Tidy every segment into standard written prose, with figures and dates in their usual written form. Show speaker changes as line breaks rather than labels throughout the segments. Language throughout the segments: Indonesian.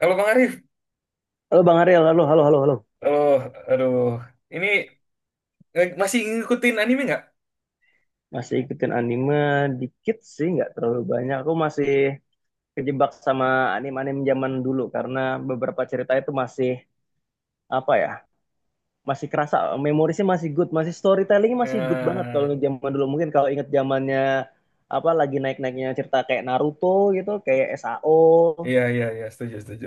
Kalau Bang Arif,
Halo Bang Ariel, halo, halo, halo, halo.
aduh, aduh, ini masih ngikutin anime nggak?
Masih ikutin anime dikit sih, nggak terlalu banyak. Aku masih kejebak sama anime-anime zaman dulu karena beberapa cerita itu masih apa ya, masih kerasa memorisnya masih good, masih storytellingnya masih good banget kalau
Eh,
ingat zaman dulu. Mungkin kalau ingat zamannya apa lagi naik-naiknya cerita kayak Naruto gitu, kayak SAO.
iya iya iya, setuju setuju.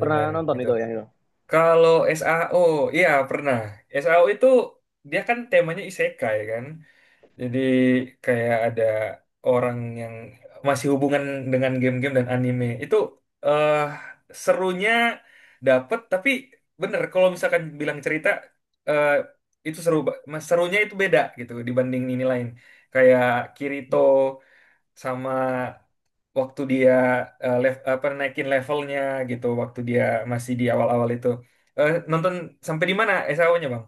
Pernah nonton
itu.
itu yang itu?
Kalau SAO, iya pernah. SAO itu dia kan temanya isekai kan. Jadi kayak ada orang yang masih hubungan dengan game-game dan anime. Itu eh serunya dapet, tapi bener kalau misalkan bilang cerita eh itu seru, serunya itu beda gitu dibanding ini lain. Kayak Kirito sama waktu dia apa naikin levelnya gitu, waktu dia masih di awal-awal itu. Eh nonton sampai di mana SAO-nya, Bang?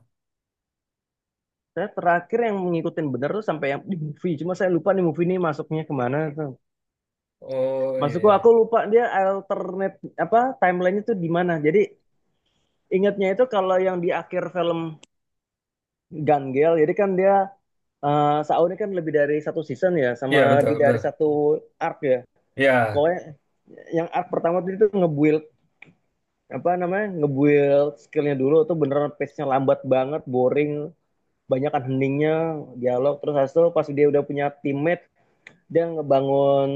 Saya terakhir yang ngikutin bener tuh sampai yang di movie, cuma saya lupa nih movie ini masuknya kemana.
Oh iya
Maksudku aku
iya.
lupa dia alternate apa timelinenya tuh di mana. Jadi ingatnya itu kalau yang di akhir film Gun Girl, jadi kan dia Sao ini kan lebih dari satu season ya, sama
Iya betul
lebih dari
betul.
satu arc ya.
Iya.
Pokoknya yang arc pertama tuh itu nge-build apa namanya nge-build skillnya dulu tuh beneran pace-nya lambat banget, boring, banyakan heningnya, dialog. Terus habis itu pas dia udah punya teammate, dia ngebangun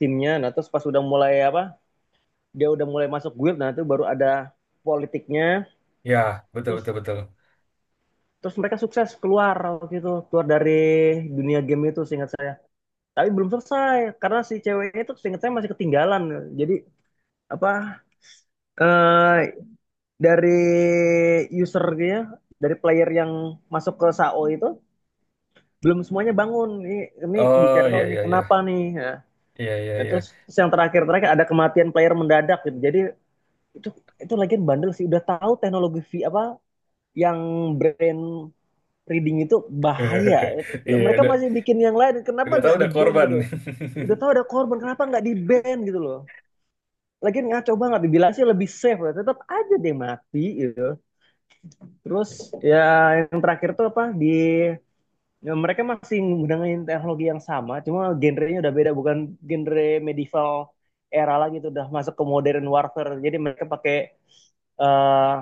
timnya. Nah terus pas udah mulai apa dia udah mulai masuk guild, nah itu baru ada politiknya,
Ya, betul betul
terus
betul.
terus mereka sukses keluar gitu, keluar dari dunia game itu seingat saya, tapi belum selesai karena si ceweknya itu seingat saya masih ketinggalan. Jadi apa eh dari user dia, dari player yang masuk ke SAO itu belum semuanya bangun. Ini
Oh
dicari
ya
nih
ya
kenapa
ya.
nih ya.
Iya iya
Nah,
iya.
terus yang terakhir terakhir ada kematian player mendadak gitu. Jadi itu itu lagi bandel sih udah tahu teknologi v, apa yang brand reading itu bahaya.
Iya
Mereka masih bikin yang lain, kenapa
udah tahu
nggak di
udah
ban
korban.
gitu? Udah tahu ada korban, kenapa nggak di ban gitu loh? Lagian nggak coba nggak dibilang sih lebih safe, ya. Tetap aja deh mati gitu. Terus ya yang terakhir tuh apa di ya, mereka masih menggunakan teknologi yang sama, cuma genrenya udah beda, bukan genre medieval era lagi tuh udah masuk ke modern warfare. Jadi mereka pakai uh,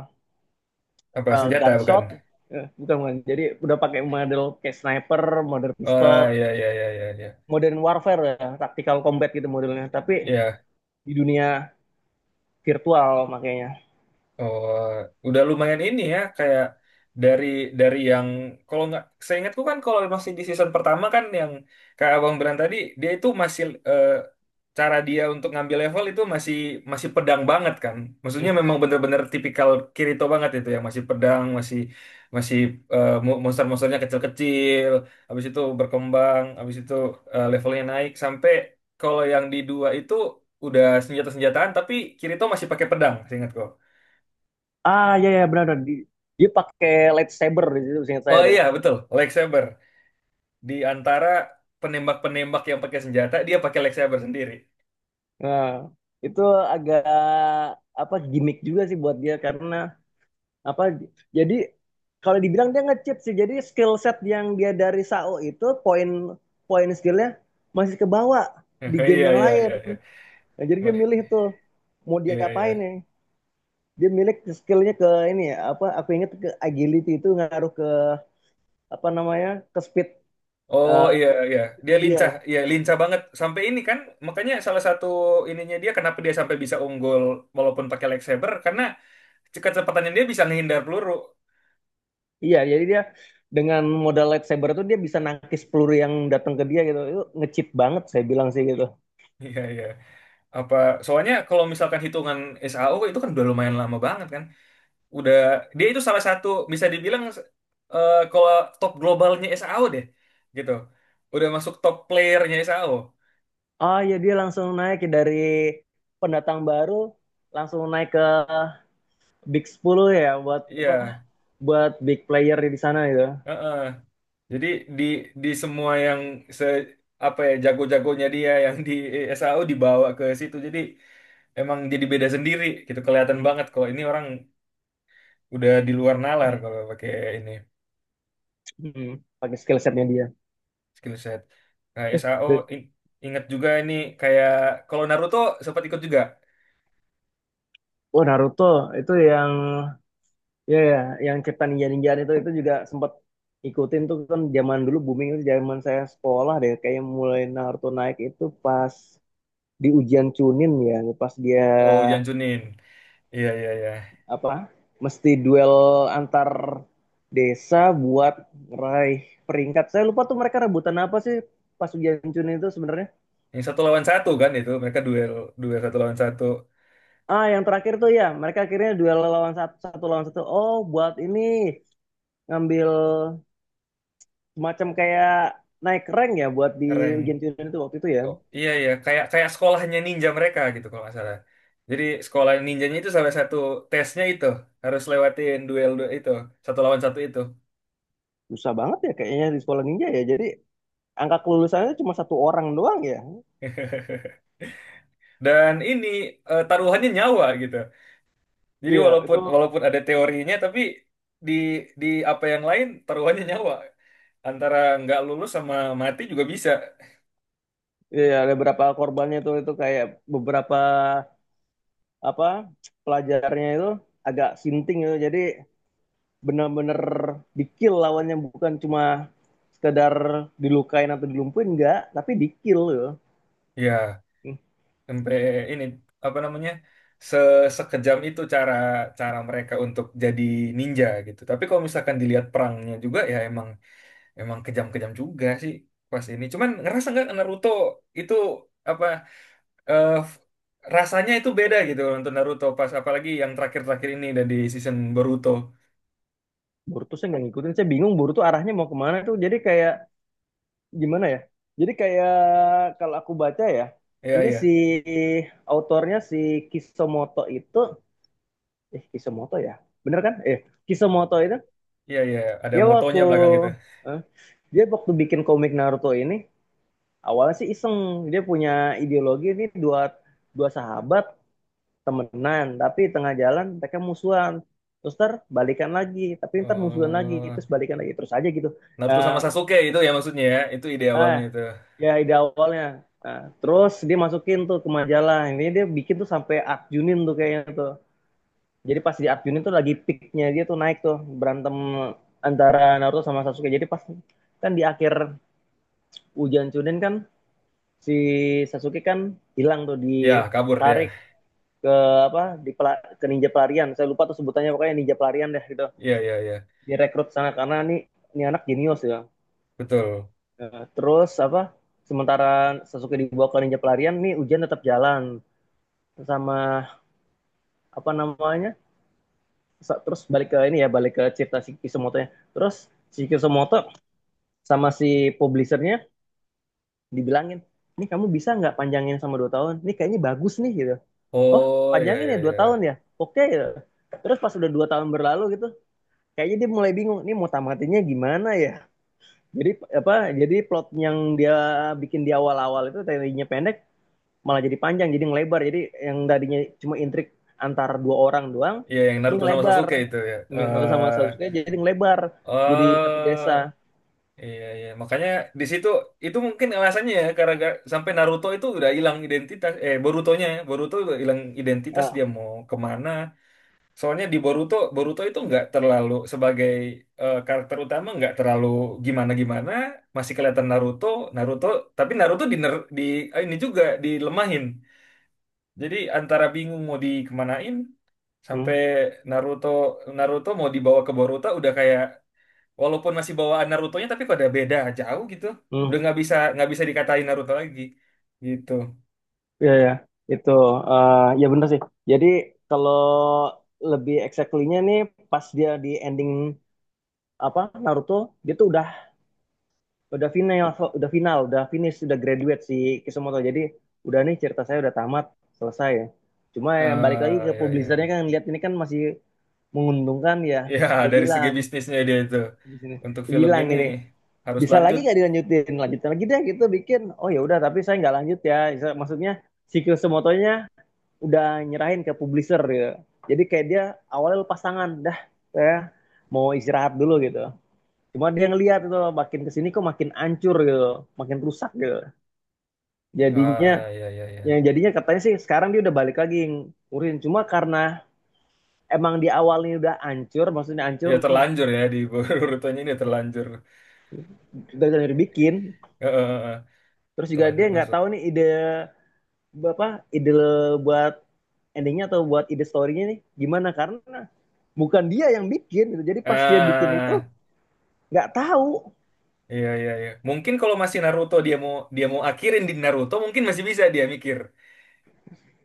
Apa senjata bukan?
gunshot. Eh, bukan bukan, jadi udah pakai model kayak sniper, model
Oh
pistol
ya ya ya ya ya.
modern warfare ya, tactical combat gitu modelnya, tapi
Ya.
di dunia virtual makanya.
Oh, udah lumayan ini ya kayak dari dari yang kalau nggak saya ingatku kan kalau masih di season pertama kan yang kayak Abang Beran tadi dia itu masih eh, cara dia untuk ngambil level itu masih masih pedang banget kan. Maksudnya
Hmm.
memang bener-bener tipikal Kirito banget itu yang masih pedang, masih masih monster-monsternya kecil-kecil, habis itu berkembang, habis itu levelnya naik sampai kalau yang di dua itu udah senjata-senjataan tapi Kirito masih pakai pedang, seingatku.
Ah ya ya benar. Dia pakai lightsaber di situ seingat saya
Oh
deh.
iya betul, lightsaber. Di antara penembak-penembak yang pakai senjata, dia pakai lightsaber sendiri.
Nah, itu agak apa, gimmick juga sih buat dia karena apa, jadi kalau dibilang dia nge-cheat sih, jadi skill set yang dia dari SAO itu poin poin skillnya masih ke bawah di
Iya
game yang
iya
lain.
iya iya.
Nah, jadi dia
Ma-
milih tuh mau
Iya
diapain
iya.
ya. Dia milih skillnya ke ini ya, apa aku ingat ke agility itu ngaruh ke apa namanya, ke speed,
Oh
eh,
iya iya, dia
dia.
lincah, iya lincah banget. Sampai ini kan, makanya salah satu ininya dia kenapa dia sampai bisa unggul walaupun pakai lightsaber karena kecepatannya dia bisa ngehindar peluru.
Iya, jadi dia dengan modal lightsaber itu dia bisa nangkis peluru yang datang ke dia gitu. Itu ngecip banget saya bilang sih gitu.
Iya iya. Apa soalnya kalau misalkan hitungan SAO itu kan udah lumayan lama banget kan. Udah dia itu salah satu bisa dibilang kalau top globalnya SAO deh gitu. Udah masuk top playernya SAO.
Oh iya, dia langsung naik ya dari pendatang baru langsung naik ke Big 10 ya, buat
Iya,
apa buat big player di sana gitu.
heeh. Jadi di di semua yang se apa ya jago-jagonya dia yang di SAO dibawa ke situ. Jadi emang jadi beda sendiri gitu kelihatan
Hmm.
banget kalau ini orang udah di luar nalar kalau pakai ini
Hmm. Pakai skill setnya dia.
skill set. Nah, SAO
Eh,
in- ingat juga ini kayak kalau Naruto sempat ikut juga.
Oh, Naruto itu yang ya ya yang cerita ninja ninjaan itu juga sempat ikutin tuh kan, zaman dulu booming itu zaman saya sekolah deh, kayak mulai Naruto naik itu pas di ujian Chunin ya, pas dia
Oh, Janjunin. Iya, iya, iya.
apa mesti duel antar desa buat raih peringkat. Saya lupa tuh mereka rebutan apa sih pas ujian Chunin itu sebenarnya.
Yang satu lawan satu kan itu mereka duel duel satu lawan satu
Ah yang terakhir tuh ya mereka akhirnya duel lawan satu, satu lawan satu, oh buat ini ngambil, macam kayak naik rank ya buat di
rank.
ujian-ujian itu waktu itu ya.
Oh iya iya kayak kayak sekolahnya ninja mereka gitu kalau nggak salah. Jadi sekolah ninjanya itu salah satu tesnya itu harus lewatin duel duel itu satu lawan satu itu.
Susah banget ya kayaknya di sekolah ninja ya. Jadi angka kelulusannya cuma satu orang doang ya.
Dan ini taruhannya nyawa gitu. Jadi
Iya, itu
walaupun walaupun ada teorinya tapi di di apa yang lain taruhannya nyawa. Antara nggak lulus sama mati juga bisa.
iya, ada beberapa korbannya itu kayak beberapa apa pelajarnya itu agak sinting gitu. Jadi benar-benar di-kill lawannya, bukan cuma sekedar dilukain atau dilumpuhin, enggak, tapi di-kill gitu.
Ya
Hmm,
sampai ini apa namanya se sekejam itu cara cara mereka untuk jadi ninja gitu tapi kalau misalkan dilihat perangnya juga ya emang emang kejam-kejam juga sih pas ini cuman ngerasa nggak Naruto itu apa eh, f- rasanya itu beda gitu untuk Naruto pas apalagi yang terakhir-terakhir ini dan di season Boruto,
Boruto saya nggak ngikutin, saya bingung Boruto arahnya mau kemana tuh. Jadi kayak gimana ya? Jadi kayak kalau aku baca ya,
iya
ini
iya
si autornya si Kishimoto itu, eh Kishimoto ya, bener kan? Eh Kishimoto itu
iya iya, ada
dia waktu
motonya belakang itu.
eh, dia waktu bikin komik Naruto ini awalnya sih iseng. Dia punya ideologi ini, dua dua sahabat temenan, tapi tengah jalan mereka musuhan. Terus ntar balikan lagi, tapi ntar musuhan lagi,
Oh
terus balikan lagi, terus aja gitu.
Naruto
Eh,
sama Sasuke itu ya maksudnya ya itu ide
ah,
awalnya itu.
ya ide awalnya. Nah, terus dia masukin tuh ke majalah. Ini dia bikin tuh sampai Arjunin tuh kayaknya tuh. Jadi pas di Arjunin tuh lagi peaknya dia tuh, naik tuh berantem antara Naruto sama Sasuke. Jadi pas kan di akhir ujian Chunin kan si Sasuke kan hilang tuh
Ya kabur dia.
ditarik ke apa, di pela-, ke ninja pelarian. Saya lupa tuh sebutannya, pokoknya ninja pelarian deh gitu.
Iya iya iya.
Direkrut sana karena nih ini anak jenius ya.
Betul.
Nah, terus apa, sementara Sasuke dibawa ke ninja pelarian, nih ujian tetap jalan, sama apa namanya, terus balik ke ini ya, balik ke cerita si Kisumoto-nya. Terus si Kisumoto sama si publishernya dibilangin, ini kamu bisa nggak panjangin sama 2 tahun, ini kayaknya bagus nih gitu. Oh
Oh ya
panjangin
ya
ya 2 tahun
ya,
ya, oke gitu. Terus pas udah 2 tahun berlalu gitu, kayaknya dia mulai bingung ini mau tamatinnya gimana ya. Jadi apa, jadi plot yang dia bikin di awal-awal itu tadinya pendek malah jadi panjang, jadi ngelebar, jadi yang tadinya cuma intrik antar dua orang doang,
ya yang
ini
Naruto sama
ngelebar,
Sasuke itu ya.
Naruto sama Sasuke jadi ngelebar jadi satu
Eh
desa.
iya iya makanya di situ itu mungkin alasannya ya karena sampai Naruto itu udah hilang identitas Borutonya ya. Boruto udah hilang identitas
ah
dia mau kemana. Soalnya di Boruto, Boruto itu nggak terlalu sebagai karakter utama nggak terlalu gimana gimana masih kelihatan Naruto, Naruto tapi Naruto di ini juga dilemahin. Jadi antara bingung mau dikemanain
hmm,
sampai Naruto Naruto mau dibawa ke Boruto udah kayak walaupun masih bawaan Narutonya tapi kok ada beda jauh gitu.
hmm,
Udah nggak bisa dikatain Naruto lagi gitu.
ya ya itu, ya bener sih. Jadi kalau lebih exactly-nya nih, pas dia di ending apa, Naruto, dia tuh udah final udah final udah finish udah graduate si Kishimoto. Jadi udah nih cerita saya udah tamat, selesai ya. Cuma yang balik lagi
Ah
ke
ya ya
publisernya
ya.
kan lihat ini kan masih menguntungkan ya.
Ya
Dia
dari segi
bilang
bisnisnya dia itu
di sini,
untuk
dia
film
bilang
ini
gini,
harus
bisa lagi
lanjut.
nggak dilanjutin, lanjutin lagi deh gitu bikin. Oh ya udah, tapi saya nggak lanjut ya, maksudnya si Kyosumoto udah nyerahin ke publisher gitu. Jadi kayak dia awalnya lepas tangan dah, saya mau istirahat dulu gitu. Cuma dia ngelihat itu makin kesini kok makin ancur gitu, makin rusak gitu jadinya.
Ah ya ya
Yang
ya.
jadinya katanya sih sekarang dia udah balik lagi ngurusin, cuma karena emang di awalnya udah ancur, maksudnya
Ya
ancur
terlanjur ya di Borutonya ini terlanjur.
dari bikin.
Eh, eh, eh,
Terus juga dia
terlanjur
nggak
masuk.
tahu nih ide apa, ide buat endingnya atau buat ide storynya nih gimana karena bukan dia yang bikin gitu. Jadi pas dia bikin itu
Ah,
nggak tahu.
Iya iya iya. Mungkin kalau masih Naruto dia mau akhirin di Naruto mungkin masih bisa dia mikir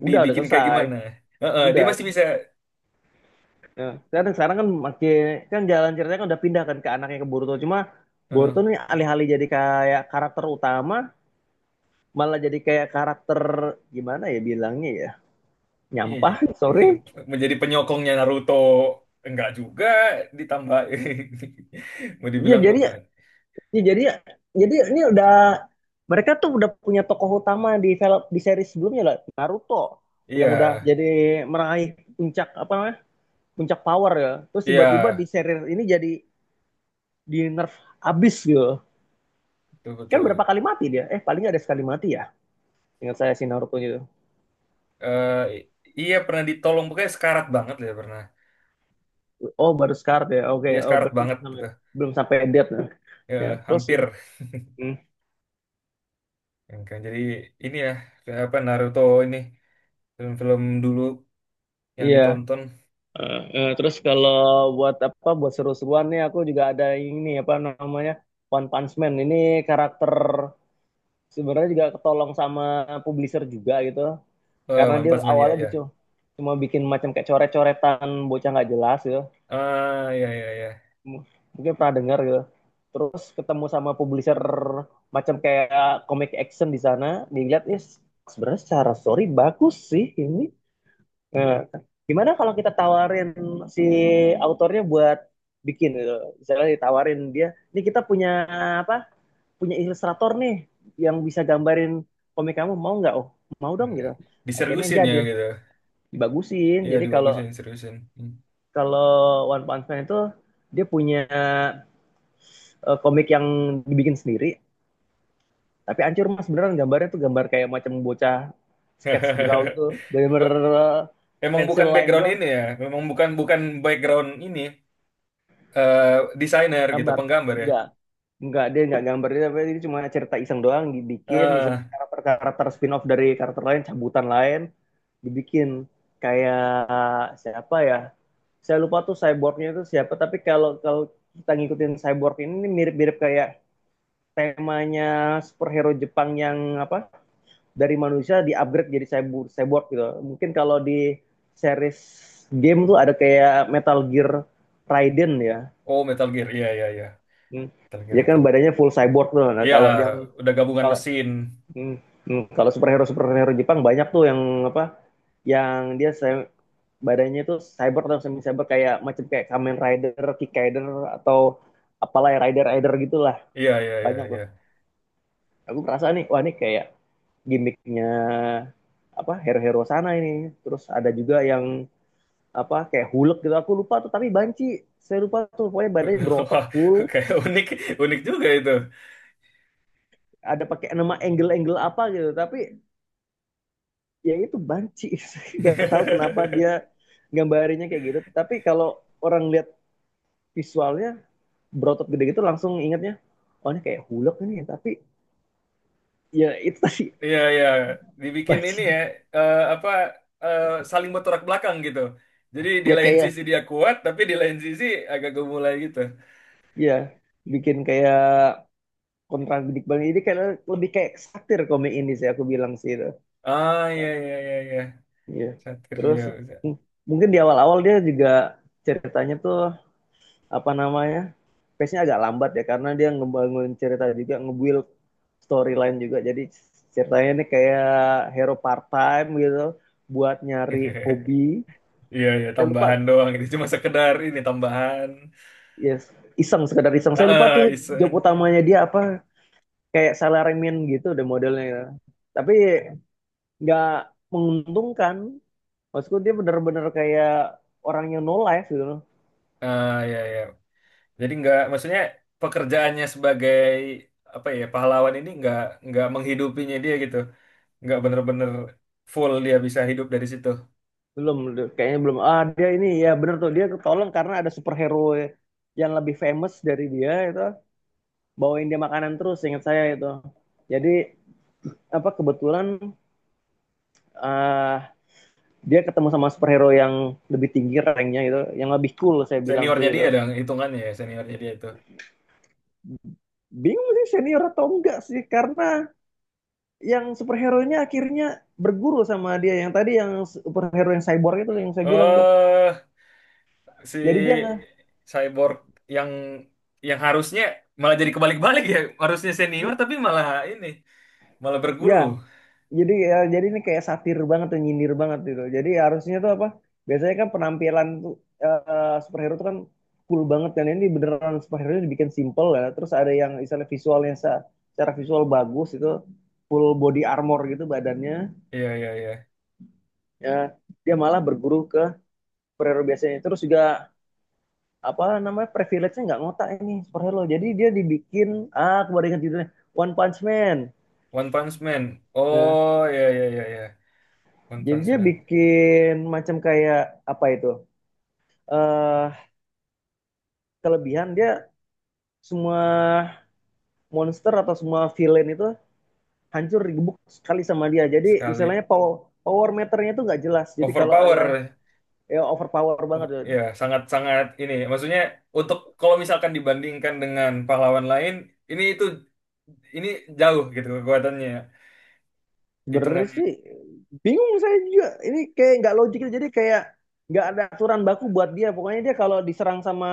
Udah
dibikin kayak
selesai
gimana. Heeh, dia
udah
masih
kan.
bisa
Ya. Sekarang sekarang kan makin, kan jalan ceritanya kan udah pindah kan ke anaknya ke Boruto. Cuma
heeh.
Boruto nih alih-alih jadi kayak karakter utama malah jadi kayak karakter, gimana ya bilangnya ya,
Iya, iya.
nyampah sorry
Menjadi penyokongnya Naruto enggak juga ditambah mau
ya.
dibilang
Jadi
utang.
ya, jadi ini udah, mereka tuh udah punya tokoh utama di film di seri sebelumnya lah, Naruto, yang
Iya
udah jadi meraih puncak apa namanya, puncak power ya. Terus tiba-tiba di
iya
seri ini jadi di nerf abis gitu.
betul
Kan berapa
betul.
kali mati dia, paling nggak ada sekali mati ya, ingat saya si Naruto itu.
Eh, i- iya pernah ditolong pokoknya sekarat banget lah ya pernah.
Oh baru scar ya, oke,
Iya
oh
sekarat
berarti
banget
belum
gitu.
sampai, belum sampai death nah. Ya
Ya,
terus itu
hampir.
hmm,
Yang kayak jadi ini ya kayak apa Naruto ini film-film dulu yang
iya.
ditonton.
Terus kalau buat apa, buat seru-seruan nih aku juga ada ini apa namanya, One Punch Man ini karakter sebenarnya juga ketolong sama publisher juga gitu.
Oh,
Karena
One
dia
Punch Man, ya,
awalnya gitu
ya.
cuma bikin macam kayak coret-coretan bocah nggak jelas gitu.
Ah, ya, ya, ya.
M- Mungkin pernah dengar gitu. Terus ketemu sama publisher macam kayak comic action di sana, dilihat ya sebenarnya secara story bagus sih ini. Nah, gimana kalau kita tawarin si autornya buat bikin gitu. Misalnya ditawarin dia, ini kita punya apa? Punya ilustrator nih yang bisa gambarin komik kamu mau nggak? Oh, mau dong
Eh,
gitu. Akhirnya
Diseriusin ya,
jadi
gitu.
dibagusin.
Iya,
Jadi
dibagusin,
kalau
diseriusin. Hmm.
kalau One Punch Man itu dia punya komik yang dibikin sendiri, tapi hancur mas, beneran gambarnya tuh gambar kayak macam bocah sketch draw gitu,
Ba-
bener-bener eh,
Emang
pencil
bukan
line
background
doang
ini ya, memang bukan bukan background ini, eh desainer gitu,
gambar.
penggambar ya.
Enggak, Enggak, dia nggak gambar dia, tapi ini cuma cerita iseng doang dibikin, misalnya
Ah,
karakter-karakter spin-off dari karakter lain, cabutan lain, dibikin kayak siapa ya saya lupa tuh cyborgnya itu siapa, tapi kalau kalau kita ngikutin cyborg ini mirip-mirip kayak temanya superhero Jepang yang apa, dari manusia di upgrade jadi cyborg cyborg gitu. Mungkin kalau di series game tuh ada kayak Metal Gear, Raiden ya.
oh Metal Gear, iya, iya, iya.
Hmm.
Metal Gear
Dia kan
itu.
badannya full cyborg tuh. Nah,
Iya,
kalau yang
udah gabungan
kalau.
mesin.
Hmm, hmm. Kalau superhero superhero Jepang banyak tuh yang apa? Yang dia se-, badannya itu cyber atau semi cyber kayak macam kayak Kamen Rider, Kick Rider, atau apalah ya Rider Rider gitulah,
Iya, iya, iya,
banyak tuh.
iya.
Aku merasa nih, wah ini kayak gimmicknya apa hero-hero sana ini. Terus ada juga yang apa kayak Hulk gitu. Aku lupa tuh tapi banci. Saya lupa tuh pokoknya badannya berotot
Wah,
full,
kayak unik, unik juga itu.
ada pakai nama angle-angle apa gitu. Tapi ya itu banci nggak tahu kenapa dia gambarinnya kayak gitu. Tapi kalau orang lihat visualnya berotot gede gitu langsung ingatnya, "Oh, ini kayak hulek ini ya." Tapi ya itu tadi
Iya, iya. Dibikin ini ya,
banci,
eh, apa eh, saling bertolak belakang gitu. Jadi di
ya
lain
kayak,
sisi dia kuat, tapi di lain sisi agak gemulai gitu.
ya bikin kayak kontradik banget, jadi kayak lebih kayak satir komik ini sih, aku bilang sih itu.
Ah, iya, iya, iya, iya.
Ya,
Satir
terus
dia. Bisa.
m- mungkin di awal-awal dia juga, ceritanya tuh apa namanya, pace nya agak lambat ya, karena dia ngebangun cerita juga, nge-build storyline juga. Jadi ceritanya ini kayak hero part time gitu, buat nyari hobi.
Iya, iya,
Saya lupa,
tambahan doang. Itu cuma sekedar ini tambahan.
yes, iseng, sekedar iseng,
Ah,
saya lupa
ah,
tuh job
iseng.
utamanya dia apa. Kayak salaryman gitu deh modelnya ya. Tapi nggak menguntungkan, maksudku dia bener-bener kayak orang yang no life gitu loh.
Ah, iya, iya. Jadi nggak, maksudnya pekerjaannya sebagai apa ya pahlawan ini nggak menghidupinya dia gitu. Nggak bener-bener full dia bisa hidup dari situ.
Belum, kayaknya belum, ah dia ini ya, bener tuh dia ketolong karena ada superhero yang lebih famous dari dia itu bawain dia makanan, terus ingat saya itu. Jadi apa, kebetulan eh, dia ketemu sama superhero yang lebih tinggi ranknya gitu, yang lebih cool, saya bilang sih
Seniornya dia
itu.
dong, hitungannya ya, seniornya dia itu.
Bingung sih, senior atau enggak sih, karena yang superhero-nya akhirnya berguru sama dia yang tadi, yang superhero yang cyborg itu yang saya bilang tuh.
Eh,
Jadi dia
si
nggak,
Cyborg yang harusnya malah jadi kebalik-balik ya, harusnya senior tapi malah ini, malah
ya
berguru.
jadi ya, jadi ini kayak satir banget tuh, nyindir banget gitu. Jadi harusnya tuh apa, biasanya kan penampilan tuh, superhero tuh kan cool banget kan. Ini beneran superhero dibikin simple ya. Terus ada yang misalnya visualnya secara visual bagus itu, full body armor gitu badannya.
Iya, iya, iya.
Ya dia malah berguru ke superhero biasanya. Terus juga apa namanya, privilege-nya nggak ngotak ini superhero. Jadi dia dibikin, ah aku baru ingat judulnya, One Punch Man.
One Punch Man.
Nah,
Oh, iya, iya, iya, iya. One
jadi
Punch
dia
Man.
bikin macam kayak apa itu, eh kelebihan dia, semua monster atau semua villain itu hancur digebuk sekali sama dia. Jadi
Sekali.
istilahnya power, power meternya itu nggak jelas. Jadi kalau ada,
Overpower.
ya overpower
Oh,
banget. Dud.
iya, sangat-sangat ini. Maksudnya, untuk kalau misalkan dibandingkan dengan pahlawan lain, ini itu, ini jauh gitu kekuatannya.
Sebenarnya
Hitungannya.
sih bingung saya juga. Ini kayak nggak logik. Jadi kayak nggak ada aturan baku buat dia. Pokoknya dia kalau diserang sama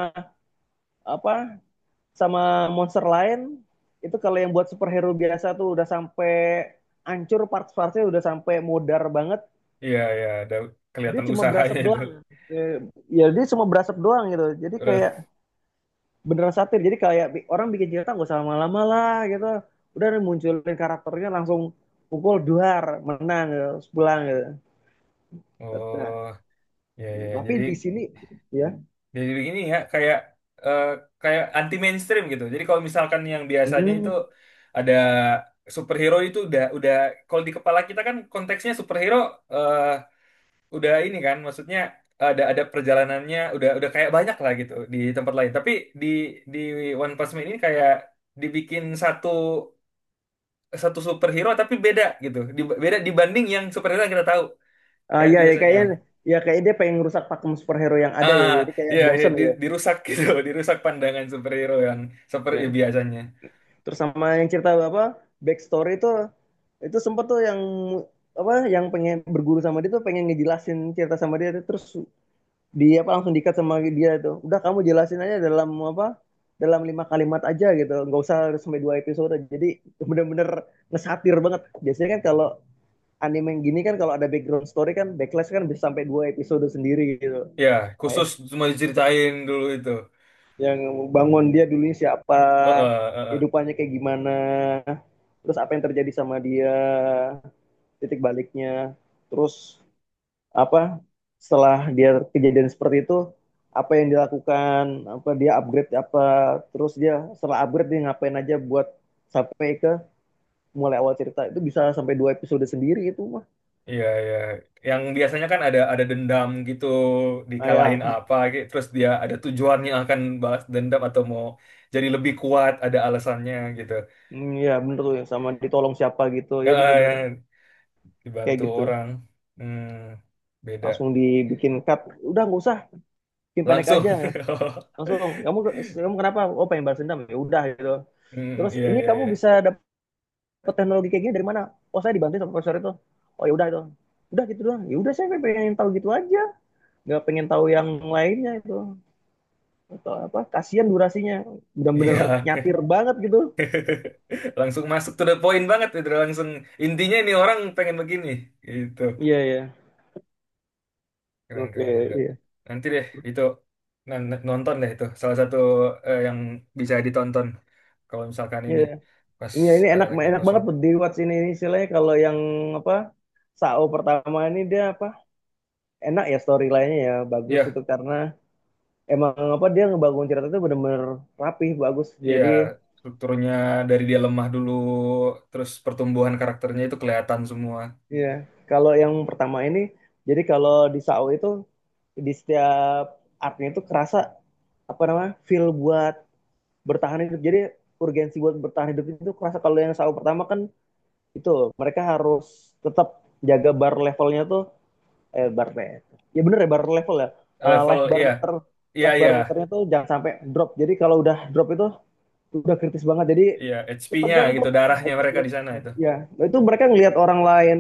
apa, sama monster lain itu, kalau yang buat superhero biasa tuh udah sampai hancur parts-partsnya, udah sampai modar banget,
Iya, iya, ada
dia
kelihatan
cuma berasap
usahanya itu.
doang. Eh, Ya dia cuma berasap doang gitu. Jadi kayak
Terus,
beneran satir, jadi kayak orang bikin cerita nggak usah lama-lama lah gitu. Udah munculin karakternya langsung pukul duar, menang gitu, pulang gitu. Nah,
oh, iya, iya. iya.
tapi di sini ya,
Jadi begini ya, kayak eh, kayak anti mainstream gitu. Jadi kalau misalkan yang biasanya itu
hmm,
ada superhero itu udah kalau di kepala kita kan konteksnya superhero eh udah ini kan, maksudnya ada perjalanannya udah kayak banyak lah gitu di tempat lain. Tapi di di One Punch Man ini kayak dibikin satu satu superhero tapi beda gitu. Beda dibanding yang superhero yang kita tahu,
ah,
kayak
ya ya
biasanya.
kayaknya, ya kayak dia pengen ngerusak pakem superhero yang ada gitu,
Ah,
jadi kayak
iya, iya,
bosen gitu.
dirusak gitu, dirusak pandangan superhero yang seperti
Ya,
biasanya.
terus sama yang cerita apa, backstory itu sempet tuh yang apa, yang pengen berguru sama dia tuh pengen ngejelasin cerita sama dia, terus di apa langsung dikat sama dia tuh, udah kamu jelasin aja dalam apa, dalam lima kalimat aja gitu, nggak usah sampai dua episode. Jadi bener-bener ngesatir banget. Biasanya kan kalau anime yang gini kan, kalau ada background story kan backlash kan bisa sampai dua episode sendiri gitu.
Ya, khusus
Kayak
cuma diceritain dulu itu.
yang bangun dia dulunya siapa,
Heeh, heeh.
hidupannya kayak gimana, terus apa yang terjadi sama dia, titik baliknya, terus apa, setelah dia kejadian seperti itu apa yang dilakukan, apa dia upgrade apa, terus dia setelah upgrade dia ngapain aja buat sampai ke mulai awal cerita itu, bisa sampai dua episode sendiri itu mah.
Iya, iya. Yang biasanya kan ada dendam gitu,
Nah,
dikalahin
ya,
apa, gitu. Terus dia ada tujuannya akan balas dendam atau mau jadi lebih kuat, ada alasannya gitu.
mm, ya bener tuh ya, sama ditolong siapa gitu, ya
Heeh,
bener-bener
yang
kayak
dibantu
gitu.
orang. Hmm, beda.
Langsung dibikin cut, udah nggak usah, bikin pendek
Langsung.
aja, langsung kamu, kamu kenapa, oh pengen balas dendam, ya udah gitu.
Hmm,
Terus
iya,
ini
iya,
kamu
iya.
bisa dapat teknologi kayak gini dari mana? Oh, saya dibantu sama profesor itu. Oh ya udah itu. Udah gitu doang. Ya udah, saya pengen tahu gitu aja. Nggak pengen tahu yang lainnya itu atau apa? Kasihan durasinya. Bener-bener
Iya.
nyatir banget gitu.
Langsung masuk to the point banget, itu langsung intinya ini orang pengen begini, gitu.
Iya yeah, iya. Yeah. Oke,
Keren-keren juga.
iya.
Nanti deh itu nonton deh itu salah satu yang bisa ditonton kalau misalkan
Iya,
ini
yeah. Ya,
pas
ini enak
lagi
enak
kosong.
banget buat di ini, istilahnya kalau yang apa, Sao pertama ini dia apa, enak ya storyline-nya ya, bagus
Iya,
itu karena emang apa dia ngebangun cerita itu benar-benar rapih bagus.
iya
Jadi
strukturnya dari dia lemah dulu, terus pertumbuhan karakternya itu kelihatan semua.
iya, kalau yang pertama ini, jadi kalau di SAO itu, di setiap artnya itu kerasa apa namanya feel buat bertahan hidup. Jadi urgensi buat bertahan hidup itu kerasa. Kalau yang SAO pertama kan itu mereka harus tetap jaga bar levelnya tuh, eh bar le- ya bener ya bar level ya,
Level
life bar
iya,
meter,
iya
life
iya,
bar meternya tuh jangan sampai drop. Jadi kalau udah drop itu udah kritis banget. Jadi
iya HP-nya
ketegang tuh,
gitu darahnya mereka di
xbox,
sana itu.
ya, nah, itu mereka ngelihat orang lain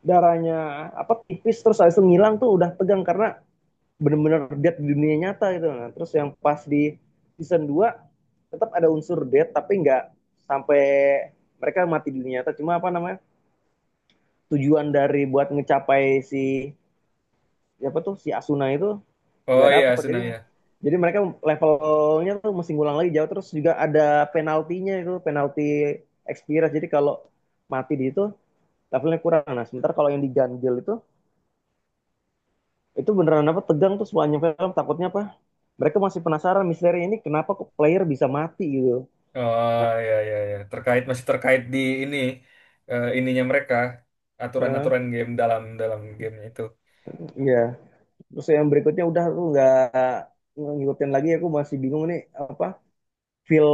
darahnya apa tipis, terus habis itu ngilang tuh, udah tegang karena benar-benar dead di dunia nyata gitu. Nah terus yang pas di season dua, tetap ada unsur dead tapi nggak sampai mereka mati di dunia nyata, cuma apa namanya, tujuan dari buat ngecapai si, siapa tuh si Asuna itu nggak
Oh iya,
dapat.
Suna
jadi
ya.
jadi mereka levelnya tuh mesti ngulang lagi jauh. Terus juga ada penaltinya itu, penalti experience, jadi kalau mati di itu levelnya kurang. Nah sementara kalau yang diganjel itu beneran apa, tegang tuh semuanya, film takutnya apa, mereka masih penasaran misteri ini kenapa kok player bisa mati gitu.
Oh
Nah,
ya ya ya terkait masih terkait di ini ininya mereka
eh,
aturan-aturan game dalam dalam gamenya itu.
ya, terus yang berikutnya udah tuh nggak ngikutin lagi, aku masih bingung nih apa, feel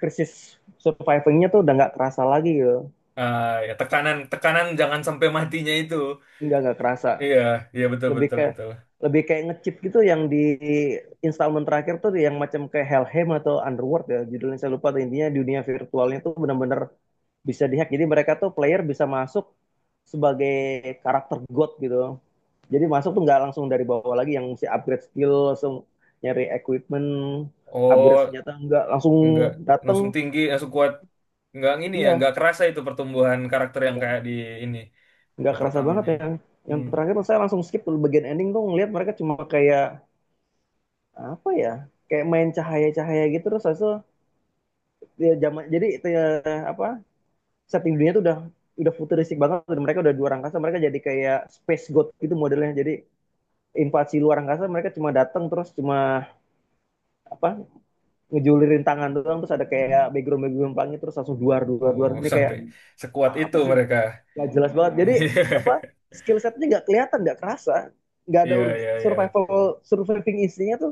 krisis survivingnya tuh udah nggak kerasa lagi gitu.
Ah ya tekanan tekanan jangan sampai matinya itu
Nggak kerasa,
iya iya betul
lebih
betul
ke
betul.
lebih kayak ngechip gitu yang di installment terakhir tuh, yang macam kayak Hellheim atau Underworld ya judulnya, saya lupa tuh. Intinya dunia virtualnya tuh benar-benar bisa dihack. Jadi mereka tuh player bisa masuk sebagai karakter god gitu. Jadi masuk tuh nggak langsung dari bawah lagi yang mesti upgrade skill, langsung nyari equipment, upgrade
Oh
senjata, nggak langsung
nggak
dateng,
langsung tinggi langsung kuat. Nggak ini ya
iya,
nggak kerasa itu pertumbuhan karakter yang
nggak
kayak di ini
nggak
di
kerasa banget
pertamanya.
ya. Yang
Hmm.
terakhir saya langsung skip tuh bagian ending tuh, ngeliat mereka cuma kayak apa ya, kayak main cahaya-cahaya gitu. Terus habis itu ya zaman jadi itu ya, apa, setting dunia tuh udah futuristik banget, dan mereka udah di luar angkasa, mereka jadi kayak space god gitu modelnya. Jadi invasi luar angkasa, mereka cuma datang terus cuma apa, ngejulirin tangan doang, terus ada kayak background background pelangi, terus langsung duar duar duar,
Oh
ini kayak
sampai sekuat itu
apa sih,
mereka.
nggak jelas banget. Jadi apa, skill setnya nggak kelihatan, nggak kerasa, nggak ada
Iya iya iya
survival, surviving instingnya tuh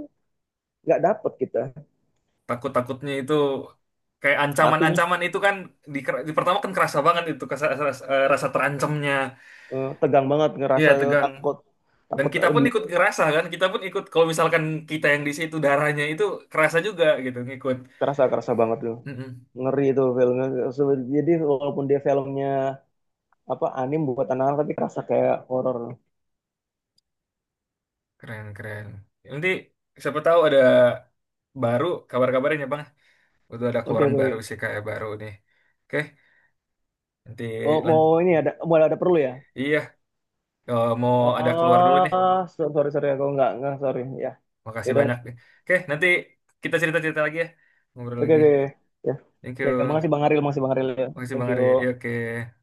nggak dapet kita.
takut-takutnya itu kayak
Matinya,
ancaman-ancaman itu kan di, di pertama kan kerasa banget itu rasa, rasa terancamnya
Tegang banget,
iya
ngerasa
tegang
takut,
dan
takut
kita pun
di
ikut kerasa kan kita pun ikut kalau misalkan kita yang di situ darahnya itu kerasa juga gitu ngikut.
kerasa, kerasa banget tuh
Mm-mm.
ngeri itu filmnya. Jadi walaupun dia filmnya apa anim buat anak-anak tapi kerasa kayak horor.
Keren keren nanti siapa tahu ada baru kabar-kabarnya bang udah ada
Oke
keluaran
oke oke.
baru sih kayak baru nih. Oke nanti
Oh
lan-
mau ini, ada mau ada perlu ya.
iya mau ada keluar dulu nih,
Oh sorry sorry, aku nggak sorry ya.
makasih
Yaudah,
banyak nih. Oke nanti kita cerita-cerita lagi ya, ngobrol
oke
lagi.
oke, ya,
Thank
ya
you.
makasih bang Aril, makasih bang Aril ya,
Makasih
thank
Bang
you.
Ari. Ya, oke.